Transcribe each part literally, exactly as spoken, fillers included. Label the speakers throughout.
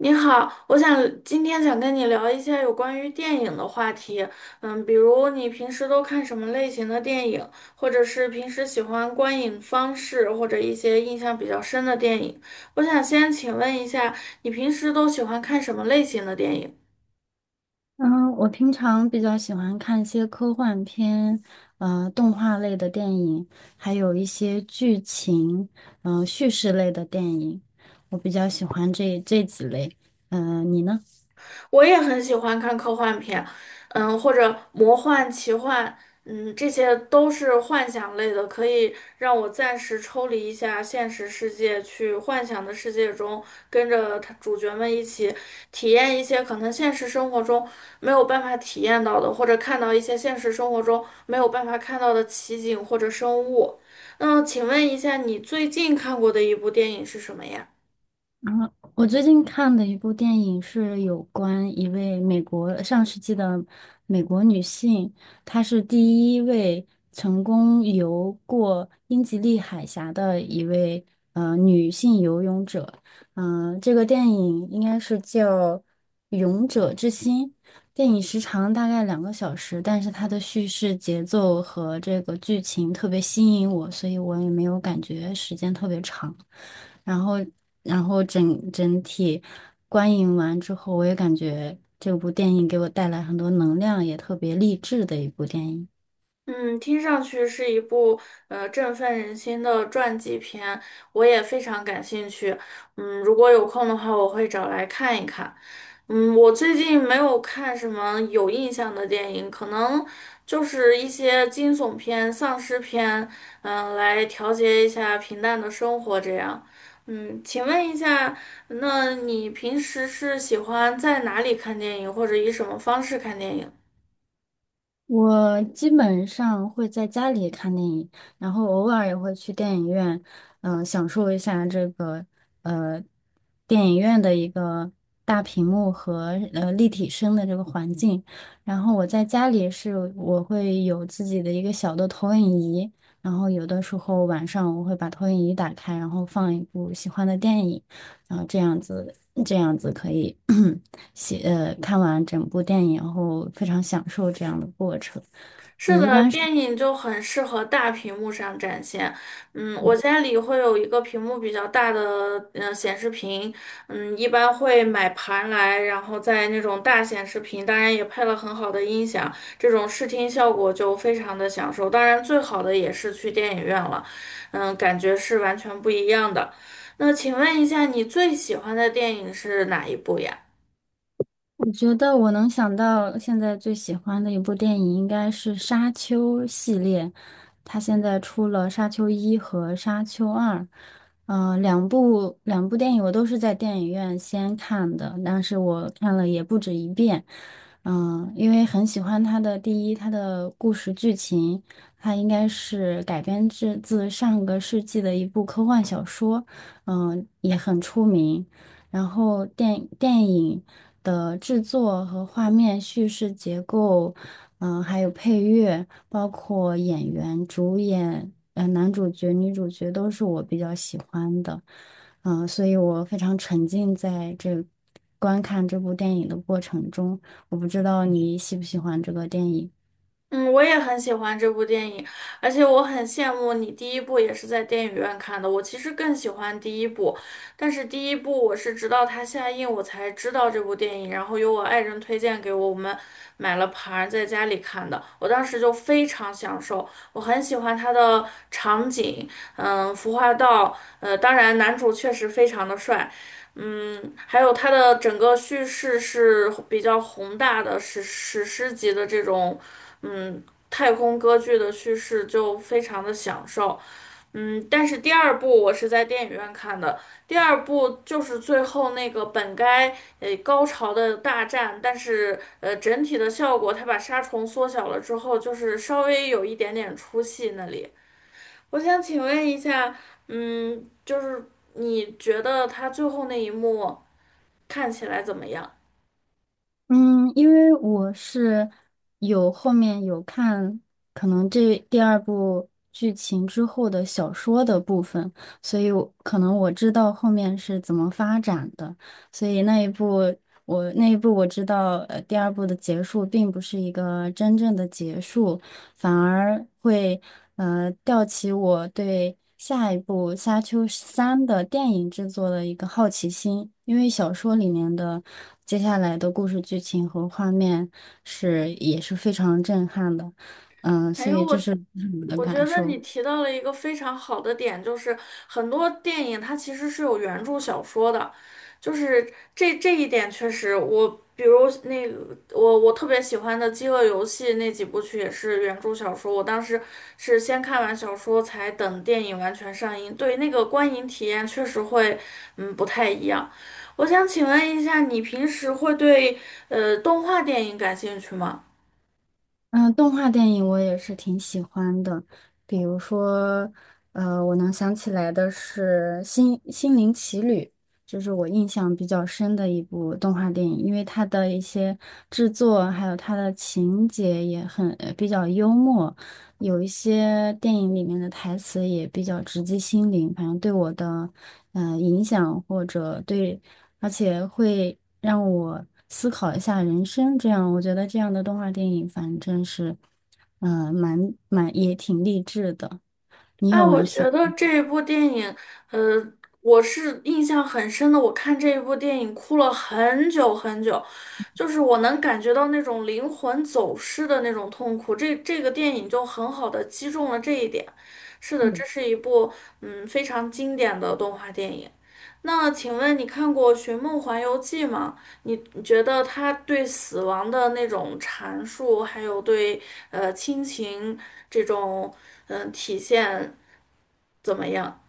Speaker 1: 你好，我想今天想跟你聊一下有关于电影的话题。嗯，比如你平时都看什么类型的电影，或者是平时喜欢观影方式，或者一些印象比较深的电影。我想先请问一下，你平时都喜欢看什么类型的电影？
Speaker 2: 嗯，我平常比较喜欢看一些科幻片，呃，动画类的电影，还有一些剧情，嗯、叙事类的电影，我比较喜欢这这几类。嗯、你呢？
Speaker 1: 我也很喜欢看科幻片，嗯，或者魔幻、奇幻，嗯，这些都是幻想类的，可以让我暂时抽离一下现实世界，去幻想的世界中，跟着他主角们一起体验一些可能现实生活中没有办法体验到的，或者看到一些现实生活中没有办法看到的奇景或者生物。那请问一下，你最近看过的一部电影是什么呀？
Speaker 2: 然后我最近看的一部电影是有关一位美国上世纪的美国女性，她是第一位成功游过英吉利海峡的一位呃女性游泳者。嗯、这个电影应该是叫《勇者之心》。电影时长大概两个小时，但是它的叙事节奏和这个剧情特别吸引我，所以我也没有感觉时间特别长。然后，然后整整体观影完之后，我也感觉这部电影给我带来很多能量，也特别励志的一部电影。
Speaker 1: 嗯，听上去是一部呃振奋人心的传记片，我也非常感兴趣。嗯，如果有空的话，我会找来看一看。嗯，我最近没有看什么有印象的电影，可能就是一些惊悚片、丧尸片，嗯、来调节一下平淡的生活这样。嗯，请问一下，那你平时是喜欢在哪里看电影，或者以什么方式看电影呢？
Speaker 2: 我基本上会在家里看电影，然后偶尔也会去电影院，嗯、享受一下这个呃电影院的一个大屏幕和呃立体声的这个环境。然后我在家里是我会有自己的一个小的投影仪，然后有的时候晚上我会把投影仪打开，然后放一部喜欢的电影，然后这样子这样子可以 写呃看完整部电影后非常享受这样的过程。
Speaker 1: 是
Speaker 2: 你一
Speaker 1: 的，
Speaker 2: 般
Speaker 1: 电影就很适合大屏幕上展现。嗯，我家里会有一个屏幕比较大的嗯、呃显示屏，嗯，一般会买盘来，然后在那种大显示屏，当然也配了很好的音响，这种视听效果就非常的享受。当然，最好的也是去电影院了，嗯，感觉是完全不一样的。那请问一下，你最喜欢的电影是哪一部呀？
Speaker 2: 我觉得我能想到现在最喜欢的一部电影应该是《沙丘》系列，它现在出了《沙丘一》和《沙丘二》，嗯、呃两部两部电影我都是在电影院先看的，但是我看了也不止一遍，嗯、因为很喜欢它的第一，它的故事剧情，它应该是改编自自上个世纪的一部科幻小说，嗯、也很出名。然后电电影的制作和画面叙事结构，嗯、还有配乐，包括演员、主演，呃，男主角、女主角都是我比较喜欢的，嗯、所以我非常沉浸在这观看这部电影的过程中。我不知道你喜不喜欢这个电影。
Speaker 1: 嗯，我也很喜欢这部电影，而且我很羡慕你第一部也是在电影院看的。我其实更喜欢第一部，但是第一部我是直到它下映我才知道这部电影，然后由我爱人推荐给我，我们买了盘儿在家里看的。我当时就非常享受，我很喜欢它的场景，嗯，服化道，呃，当然男主确实非常的帅。嗯，还有它的整个叙事是比较宏大的史史诗级的这种。嗯，太空歌剧的叙事就非常的享受。嗯，但是第二部我是在电影院看的，第二部就是最后那个本该呃高潮的大战，但是呃整体的效果，它把杀虫缩小了之后，就是稍微有一点点出戏那里。我想请问一下，嗯，就是你觉得它最后那一幕看起来怎么样？
Speaker 2: 嗯，因为我是有后面有看，可能这第二部剧情之后的小说的部分，所以我可能我知道后面是怎么发展的，所以那一部我那一部我知道，呃，第二部的结束并不是一个真正的结束，反而会呃吊起我对下一部《沙丘三》的电影制作的一个好奇心，因为小说里面的接下来的故事剧情和画面是也是非常震撼的，嗯、
Speaker 1: 哎
Speaker 2: 所
Speaker 1: 呦
Speaker 2: 以这
Speaker 1: 我。
Speaker 2: 是我的
Speaker 1: 我觉
Speaker 2: 感
Speaker 1: 得
Speaker 2: 受。
Speaker 1: 你提到了一个非常好的点，就是很多电影它其实是有原著小说的，就是这这一点确实我，比如那个我我特别喜欢的《饥饿游戏》那几部曲也是原著小说，我当时是先看完小说才等电影完全上映，对那个观影体验确实会嗯不太一样。我想请问一下，你平时会对呃动画电影感兴趣吗？
Speaker 2: 嗯，动画电影我也是挺喜欢的，比如说，呃，我能想起来的是《心心灵奇旅》，就是我印象比较深的一部动画电影，因为它的一些制作还有它的情节也很，呃比较幽默，有一些电影里面的台词也比较直击心灵，反正对我的，呃，影响或者对而且会让我思考一下人生。这样，我觉得这样的动画电影，反正是，嗯、蛮蛮也挺励志的。你
Speaker 1: 啊，
Speaker 2: 有没
Speaker 1: 我
Speaker 2: 有喜
Speaker 1: 觉得这一部电影，呃，我是印象很深的。我看这一部电影哭了很久很久，就是我能感觉到那种灵魂走失的那种痛苦。这这个电影就很好的击中了这一点。是的，这
Speaker 2: 欢？
Speaker 1: 是一部嗯非常经典的动画电影。那请问你看过《寻梦环游记》吗？你你觉得它对死亡的那种阐述，还有对呃亲情这种嗯、呃体现，怎么样？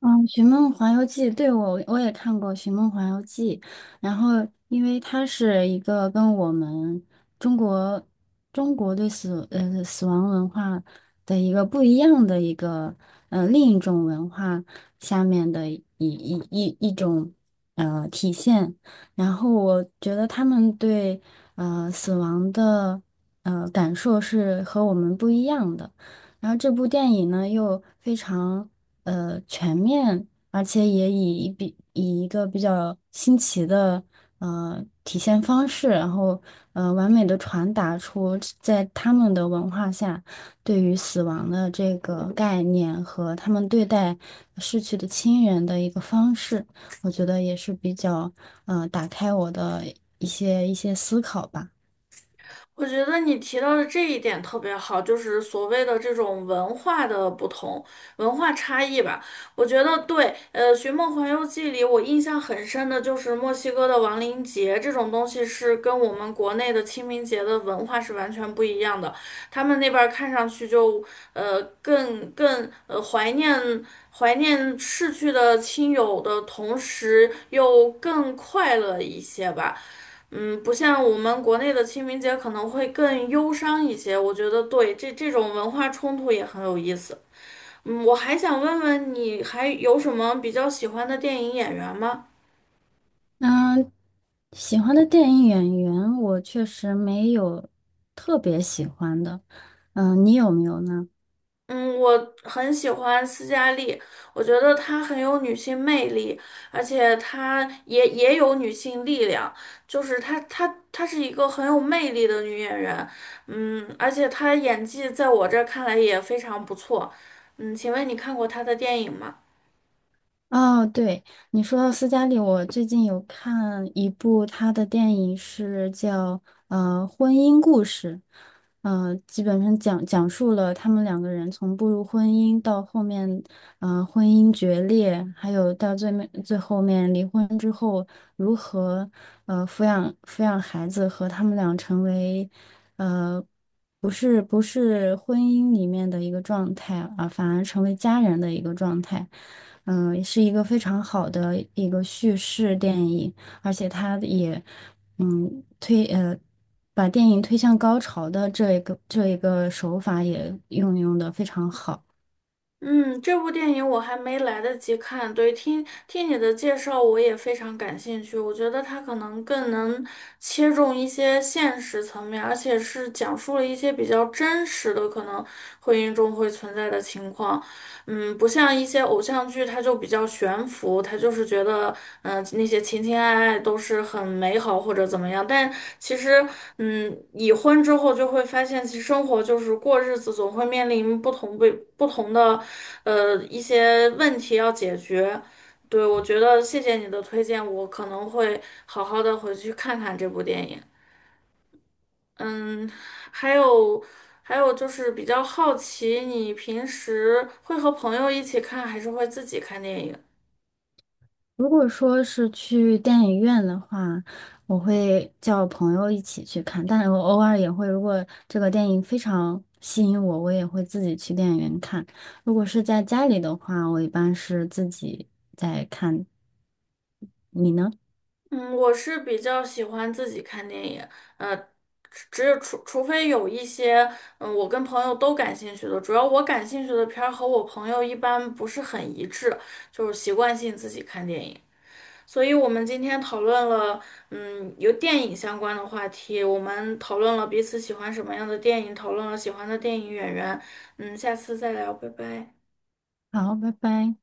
Speaker 2: 嗯，《寻梦环游记》对我我也看过《寻梦环游记》，然后因为它是一个跟我们中国中国对死呃死亡文化的一个不一样的一个呃另一种文化下面的一一一一种呃体现，然后我觉得他们对呃死亡的呃感受是和我们不一样的。然后这部电影呢又非常呃全面，而且也以一比以一个比较新奇的呃体现方式，然后呃完美的传达出在他们的文化下对于死亡的这个概念和他们对待逝去的亲人的一个方式，我觉得也是比较呃打开我的一些一些思考吧。
Speaker 1: 我觉得你提到的这一点特别好，就是所谓的这种文化的不同、文化差异吧。我觉得对，呃，《寻梦环游记》里我印象很深的就是墨西哥的亡灵节这种东西，是跟我们国内的清明节的文化是完全不一样的。他们那边儿看上去就呃更更呃怀念怀念逝去的亲友的同时，又更快乐一些吧。嗯，不像我们国内的清明节可能会更忧伤一些，我觉得对，这这种文化冲突也很有意思。嗯，我还想问问你还有什么比较喜欢的电影演员吗？
Speaker 2: 那喜欢的电影演员，我确实没有特别喜欢的。嗯，你有没有呢？
Speaker 1: 嗯，我很喜欢斯嘉丽，我觉得她很有女性魅力，而且她也也有女性力量，就是她她她是一个很有魅力的女演员，嗯，而且她演技在我这儿看来也非常不错。嗯，请问你看过她的电影吗？
Speaker 2: 哦，对，你说到斯嘉丽，我最近有看一部她的电影，是叫呃《婚姻故事》。呃，基本上讲讲述了他们两个人从步入婚姻到后面，呃，婚姻决裂，还有到最面最后面离婚之后如何，呃，抚养抚养孩子和他们俩成为，呃，不是不是婚姻里面的一个状态啊，反而成为家人的一个状态，嗯、是一个非常好的一个叙事电影。而且他也嗯推呃把电影推向高潮的这一个这一个手法也运用的非常好。
Speaker 1: 嗯，这部电影我还没来得及看，对，听听你的介绍，我也非常感兴趣。我觉得它可能更能切中一些现实层面，而且是讲述了一些比较真实的，可能婚姻中会存在的情况。嗯，不像一些偶像剧，它就比较悬浮，它就是觉得，嗯、那些情情爱爱都是很美好或者怎么样。但其实，嗯，已婚之后就会发现，其实生活就是过日子，总会面临不同不不同的，呃，一些问题要解决。对，我觉得谢谢你的推荐，我可能会好好的回去看看这部电影。嗯，还有还有就是比较好奇，你平时会和朋友一起看，还是会自己看电影？
Speaker 2: 如果说是去电影院的话，我会叫朋友一起去看，但是我偶尔也会，如果这个电影非常吸引我，我也会自己去电影院看。如果是在家里的话，我一般是自己在看。你呢？
Speaker 1: 嗯，我是比较喜欢自己看电影，呃，只只有除除非有一些，嗯，我跟朋友都感兴趣的，主要我感兴趣的片儿和我朋友一般不是很一致，就是习惯性自己看电影。所以我们今天讨论了，嗯，由电影相关的话题，我们讨论了彼此喜欢什么样的电影，讨论了喜欢的电影演员，嗯，下次再聊，拜拜。
Speaker 2: 好，拜拜。